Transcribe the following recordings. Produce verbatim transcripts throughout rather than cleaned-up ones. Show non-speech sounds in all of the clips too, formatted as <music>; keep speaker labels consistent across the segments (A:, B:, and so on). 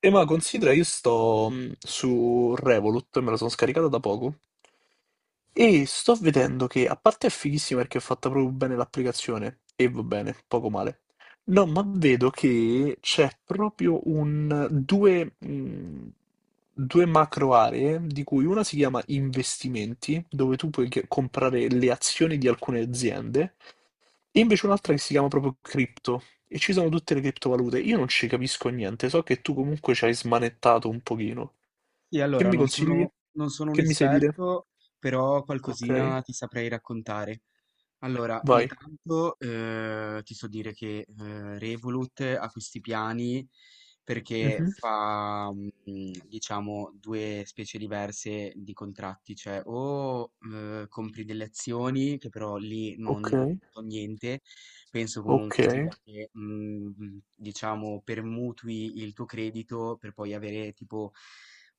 A: E ma considera, io sto mh, su Revolut, me la sono scaricata da poco, e sto vedendo che, a parte è fighissima perché è fatta proprio bene l'applicazione, e va bene, poco male. No, ma vedo che c'è proprio un... due, mh, due macro aree, di cui una si chiama investimenti, dove tu puoi che- comprare le azioni di alcune aziende, e invece un'altra che si chiama proprio cripto e ci sono tutte le criptovalute. Io non ci capisco niente, so che tu comunque ci hai smanettato un pochino.
B: Sì,
A: Che
B: allora
A: mi
B: non
A: consigli?
B: sono non sono un
A: Che mi sai dire?
B: esperto, però
A: Ok,
B: qualcosina ti saprei raccontare. Allora,
A: vai.
B: intanto eh, ti so dire che eh, Revolut ha questi piani perché
A: Mhm.
B: fa, mm, diciamo, due specie diverse di contratti, cioè o eh, compri delle azioni, che però lì
A: Ok,
B: non so niente, penso
A: ok,
B: comunque sia che, mm, mm, diciamo, permutui il tuo credito per poi avere tipo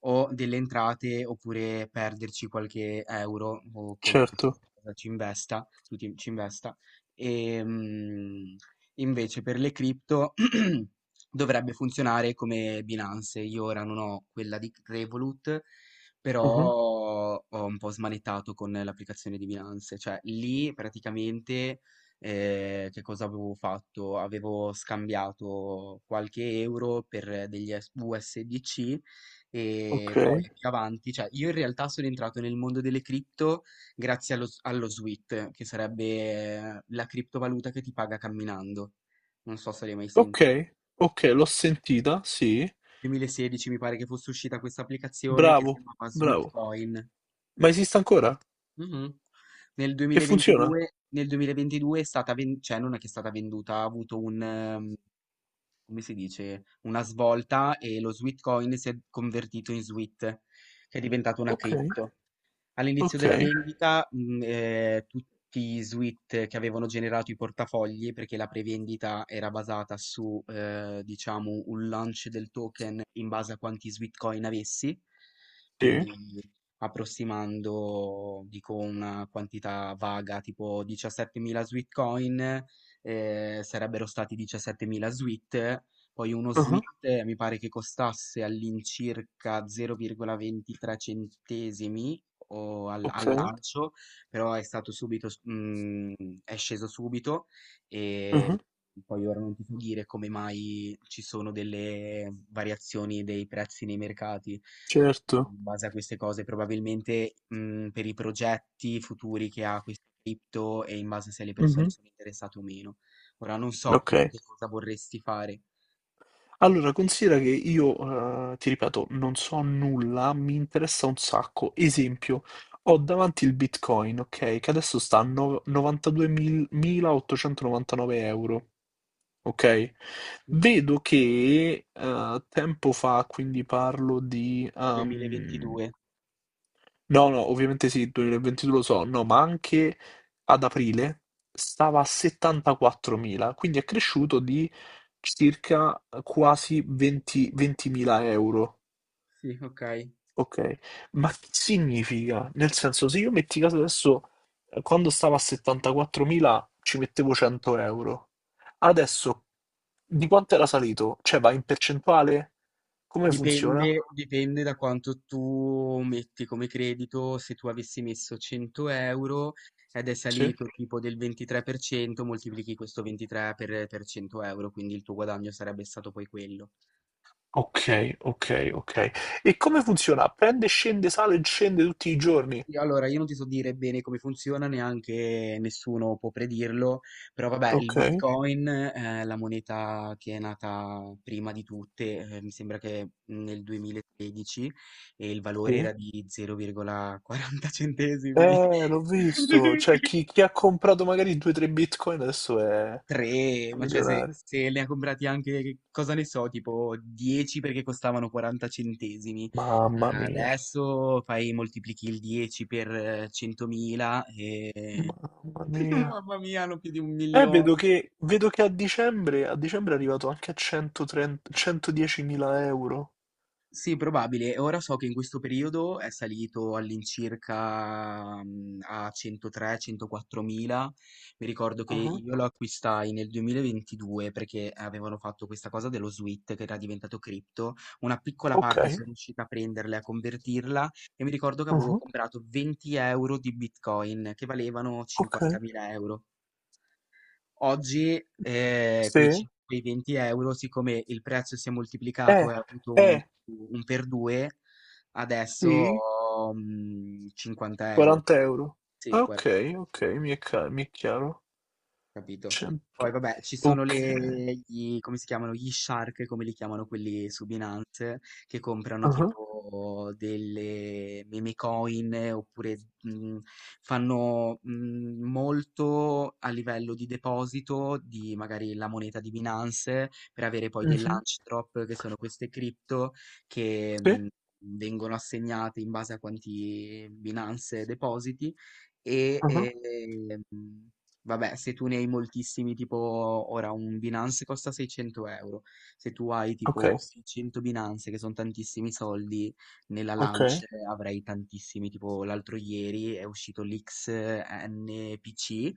B: o delle entrate oppure perderci qualche euro o qualcosa
A: certo.
B: ci investa, tu ti- ci investa. E, mh, invece per le cripto, <clears throat> dovrebbe funzionare come Binance. Io ora non ho quella di Revolut, però
A: Mhm.
B: ho un po' smanettato con l'applicazione di Binance. Cioè lì praticamente, eh, che cosa avevo fatto? Avevo scambiato qualche euro per degli S- U S D C e
A: Ok,
B: poi più avanti, cioè io in realtà sono entrato nel mondo delle cripto grazie allo, allo SWIFT, che sarebbe eh, la criptovaluta che ti paga camminando. Non so se l'hai mai
A: ok,
B: sentito.
A: ok, l'ho sentita, sì.
B: duemilasedici mi pare che fosse uscita questa applicazione che si
A: Bravo,
B: chiamava
A: bravo.
B: Sweetcoin.
A: Ma esiste ancora?
B: Mhm. Nel
A: E funziona?
B: 2022, nel 2022 è stata ven- cioè non è che è stata venduta, ha avuto un, ehm, come si dice, una svolta, e lo Sweetcoin si è convertito in Sweet, che è diventato una
A: Ok,
B: cripto. All'inizio
A: ok,
B: della vendita, mh, eh, tutti i suite che avevano generato i portafogli, perché la prevendita era basata su, eh, diciamo, un launch del token in base a quanti suite coin avessi, quindi
A: sì.
B: approssimando, dico, una quantità vaga, tipo diciassettemila suite coin, eh, sarebbero stati diciassettemila suite, poi uno
A: Mhm.
B: Sweet mi pare che costasse all'incirca zero virgola ventitré centesimi o al, al
A: Ok,
B: lancio, però è stato subito, s- mm, è sceso subito. E
A: mhm.
B: poi ora non ti so dire come mai ci sono delle variazioni dei prezzi nei mercati.
A: Certo.
B: In base a queste cose, probabilmente, mm, per i progetti futuri che ha questo cripto e in base se le persone
A: Mhm.
B: sono interessate o meno. Ora non so
A: Ok,
B: tu che cosa vorresti fare.
A: allora considera che io, eh, ti ripeto, non so nulla, mi interessa un sacco. Esempio, ho davanti il Bitcoin, ok, che adesso sta a no- novantaduemila ottocentonovantanove euro, ok? Vedo che eh, tempo fa, quindi parlo di ehm,
B: duemilaventidue.
A: No, no, ovviamente sì, il duemilaventidue lo so, no, ma anche ad aprile stava a settantaquattromila, quindi è cresciuto di circa quasi venti ventimila euro,
B: Sì, ok.
A: ok? Ma che significa? Nel senso, se io metti caso adesso, eh, quando stava a settantaquattromila ci mettevo cento euro, adesso di quanto era salito? Cioè va in percentuale? Come funziona?
B: Dipende, dipende da quanto tu metti come credito. Se tu avessi messo cento euro ed è
A: Sì?
B: salito tipo del ventitré per cento, moltiplichi questo ventitré per, per cento euro, quindi il tuo guadagno sarebbe stato poi quello.
A: Ok, ok, ok. E come funziona? Prende, scende, sale e scende tutti i giorni?
B: Sì, allora, io non ti so dire bene come funziona, neanche nessuno può predirlo, però vabbè, il ok.
A: Ok,
B: Bitcoin, eh, la moneta che è nata prima di tutte, eh, mi sembra che nel duemilatredici, e il valore era
A: sì.
B: di zero virgola quaranta centesimi,
A: Eh, l'ho visto.
B: <laughs>
A: Cioè, chi, chi ha comprato magari due o tre bitcoin adesso è
B: tre, ma cioè, se,
A: milionario.
B: se ne ha comprati anche, che cosa ne so, tipo dieci, perché costavano quaranta centesimi.
A: Mamma mia,
B: Adesso fai, moltiplichi il dieci per eh, centomila e...
A: mamma
B: <laughs>
A: mia.
B: Mamma mia, hanno più di un
A: Eh, vedo
B: milione.
A: che, vedo che a dicembre, a dicembre è arrivato anche a centotrenta, centodiecimila euro.
B: Sì, probabile. Ora so che in questo periodo è salito all'incirca, mm, a centotré a centoquattro mila. Mi ricordo che
A: Mhm.
B: io lo acquistai nel duemilaventidue perché avevano fatto questa cosa dello SWIT che era diventato cripto. Una piccola
A: Ok,
B: parte sono riuscita a prenderla e a convertirla, e mi ricordo che avevo
A: mhm,
B: comprato venti euro di Bitcoin che valevano
A: ok.
B: cinquantamila euro. Oggi, ehm, quei
A: Sì,
B: cin quei venti € siccome il prezzo si è
A: Eh,
B: moltiplicato e ha avuto un
A: eh,
B: un per due, adesso
A: sì,
B: ho, mhmm, cinquanta €.
A: quaranta euro.
B: Sì,
A: Ah,
B: guara
A: ok, ok, mi è, ca- mi è chiaro.
B: capito. Poi
A: cento,
B: vabbè, ci sono le
A: ok.
B: gli, come si chiamano? Gli shark, come li chiamano quelli su Binance, che comprano
A: Ah,
B: tipo delle meme coin, oppure mh, fanno mh, molto a livello di deposito di magari la moneta di Binance per avere poi dei
A: mhm,
B: launch drop, che sono queste cripto che
A: sì,
B: mh, vengono assegnate in base a quanti Binance depositi, e
A: ah,
B: ehm, vabbè, se tu ne hai moltissimi, tipo ora un Binance costa seicento euro, se tu hai
A: ok,
B: tipo seicento Binance, che sono tantissimi soldi, nella
A: ok,
B: Lance avrai tantissimi, tipo l'altro ieri è uscito l'X N P C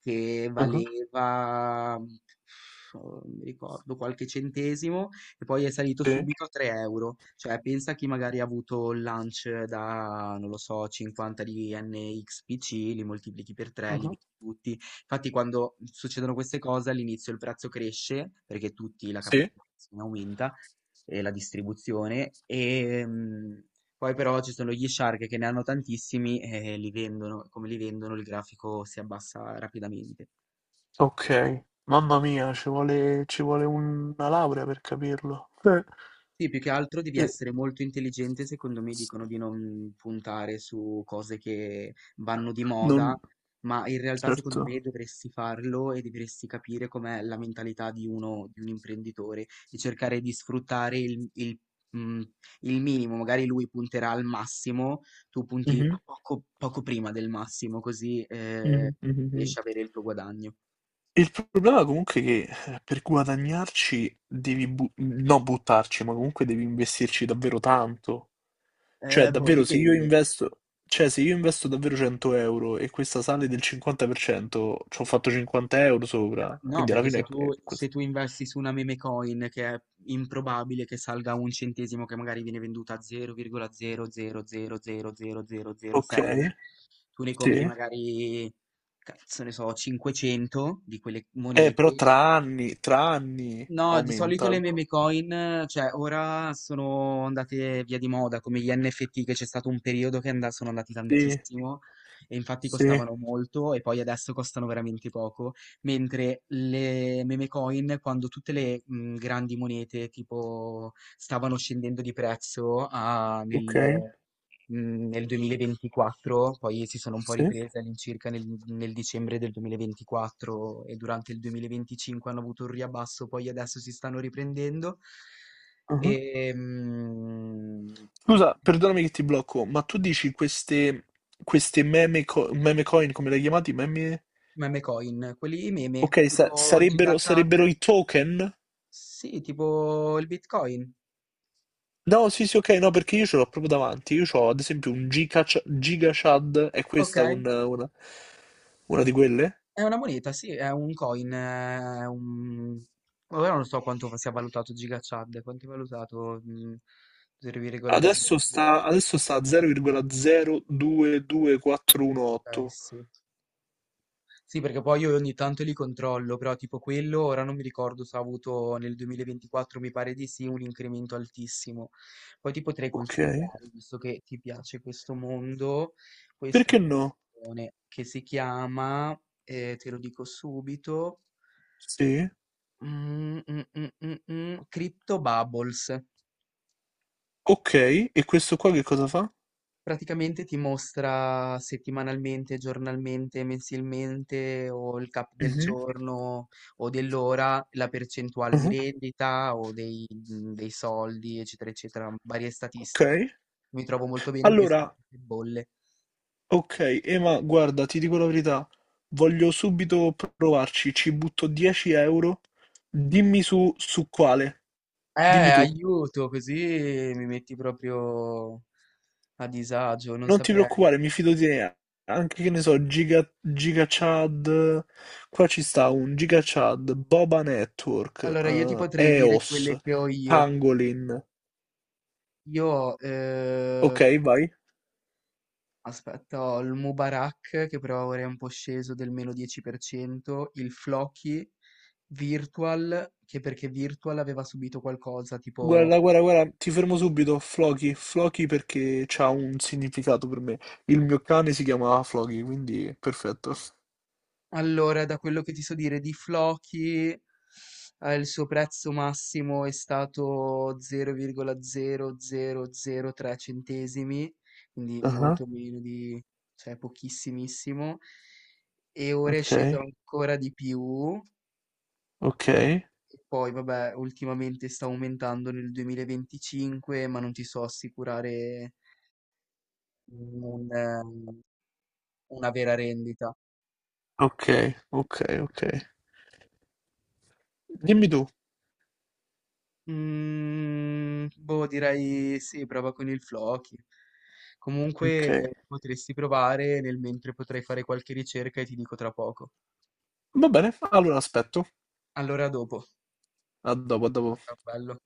B: che
A: ah,
B: valeva, pff, non mi ricordo, qualche centesimo, e poi è salito
A: sì,
B: subito a tre euro. Cioè, pensa chi magari ha avuto il launch da, non lo so, cinquanta di N X P C, li moltiplichi per tre, li vendi
A: ah,
B: tutti. Infatti, quando succedono queste cose, all'inizio il prezzo cresce perché tutti la
A: sì,
B: capitalizzazione aumenta, e la distribuzione e mm, poi però ci sono gli shark che ne hanno tantissimi e li vendono, come li vendono il grafico si abbassa rapidamente.
A: ok. Mamma mia, ci vuole, ci vuole una laurea per capirlo. Eh,
B: Sì, più che altro devi
A: eh,
B: essere molto intelligente. Secondo me dicono di non puntare su cose che vanno di
A: non,
B: moda, ma in realtà
A: certo.
B: secondo me dovresti farlo, e dovresti capire com'è la mentalità di uno, di un imprenditore, e cercare di sfruttare il, il, mm, il minimo. Magari lui punterà al massimo, tu punti
A: Mhm,
B: a poco, poco prima del massimo, così eh,
A: mhm, mhm, mhm.
B: riesci a avere il tuo guadagno.
A: Il problema comunque è che eh, per guadagnarci devi, bu- non buttarci, ma comunque devi investirci davvero tanto. Cioè,
B: Eh, boh,
A: davvero, se io
B: dipende.
A: investo, cioè, se io investo davvero cento euro e questa sale del cinquanta per cento, ci ho fatto cinquanta euro
B: Eh, ma
A: sopra,
B: no,
A: quindi alla
B: perché
A: fine
B: se
A: è,
B: tu,
A: è così.
B: se tu investi su una meme coin che è improbabile che salga a un centesimo, che magari viene venduta a
A: Ok,
B: zero virgola zero zero zero zero zero zero sei, tu ne compri
A: sì.
B: magari, cazzo ne so, cinquecento di quelle
A: Eh, però
B: monete.
A: tra anni, tra anni
B: No, di solito
A: aumenta.
B: le meme coin, cioè ora sono andate via di moda, come gli N F T, che c'è stato un periodo che and- sono andati
A: Sì,
B: tantissimo, e infatti
A: sì,
B: costavano molto e poi adesso costano veramente poco, mentre le meme coin, quando tutte le mh, grandi monete tipo stavano scendendo di prezzo, a- nel
A: ok,
B: mh, nel duemilaventiquattro, poi si sono un po'
A: sì.
B: riprese all'incirca nel, nel dicembre del duemilaventiquattro, e durante il duemilaventicinque hanno avuto un riabbasso, poi adesso si stanno riprendendo. E,
A: Mhm.
B: mh,
A: Scusa, perdonami che ti blocco, ma tu dici queste, queste meme, co- meme coin, come le hai chiamate? Meme...
B: meme coin, quelli meme,
A: Ok, sa-
B: tipo
A: sarebbero,
B: GigaChad,
A: sarebbero i token?
B: sì, tipo il Bitcoin.
A: No, sì, sì, ok, no, perché io ce l'ho proprio davanti. Io ho ad esempio un Giga, GigaChad, è
B: Ok,
A: questa un- una, una di quelle?
B: è una moneta, sì, è un coin, è un... Ora non so quanto sia valutato GigaChad, quanto è valutato? Mm,
A: Adesso
B: zero virgola zero.
A: sta, adesso sta a
B: Okay,
A: zero virgola zero due due quattro uno otto.
B: sì. Sì, perché poi io ogni tanto li controllo, però tipo quello ora non mi ricordo se ha avuto nel duemilaventiquattro, mi pare di sì, un incremento altissimo. Poi ti potrei
A: Ok.
B: consigliare, visto che ti piace questo mondo, questa
A: Perché no?
B: applicazione che si chiama, eh, te lo dico subito,
A: Sì.
B: mm, mm, mm, mm, mm, Crypto Bubbles.
A: Ok, e questo qua che cosa fa?
B: Praticamente ti mostra settimanalmente, giornalmente, mensilmente o il cap del
A: Mhm,
B: giorno o dell'ora, la percentuale di
A: mhm,
B: rendita o dei, mhmm, dei soldi, eccetera, eccetera, varie
A: ok.
B: statistiche. Mi trovo molto bene perché sono
A: Allora,
B: tutte bolle.
A: ok, Ema, guarda, ti dico la verità. Voglio subito provarci, ci butto dieci euro. Dimmi su, su quale.
B: Eh,
A: Dimmi tu.
B: aiuto, così mi metti proprio a disagio, non
A: Non ti
B: saprei.
A: preoccupare, mi fido di te. Anche che ne so, Giga, Giga Chad. Qua ci sta un Giga Chad, Boba Network,
B: Allora, io ti
A: eh,
B: potrei dire
A: eos,
B: quelle che ho io.
A: Pangolin.
B: Io ho, eh,
A: Ok, vai.
B: aspetta, ho il Mubarak che però ora è un po' sceso del meno dieci per cento, il Floki, Virtual, che perché Virtual aveva subito qualcosa, tipo...
A: Guarda, guarda, guarda, ti fermo subito. Floki, Floki perché c'ha un significato per me. Il mio cane si chiama Floki, quindi perfetto.
B: Allora, da quello che ti so dire di Floki, eh, il suo prezzo massimo è stato zero virgola zero zero zero tre centesimi, quindi
A: Ah,
B: molto meno di... cioè pochissimissimo, e ora è
A: ok,
B: sceso ancora di più.
A: ok,
B: Poi, vabbè, ultimamente sta aumentando nel duemilaventicinque, ma non ti so assicurare un, eh, una vera rendita.
A: ok, ok, ok. Dimmi tu.
B: Mm, boh, direi sì, prova con il Floki.
A: Ok.
B: Comunque potresti provare nel mentre, potrai fare qualche ricerca e ti dico tra poco.
A: Va bene, allora aspetto.
B: Allora, a dopo.
A: A dopo, a dopo.
B: Ciao, bello.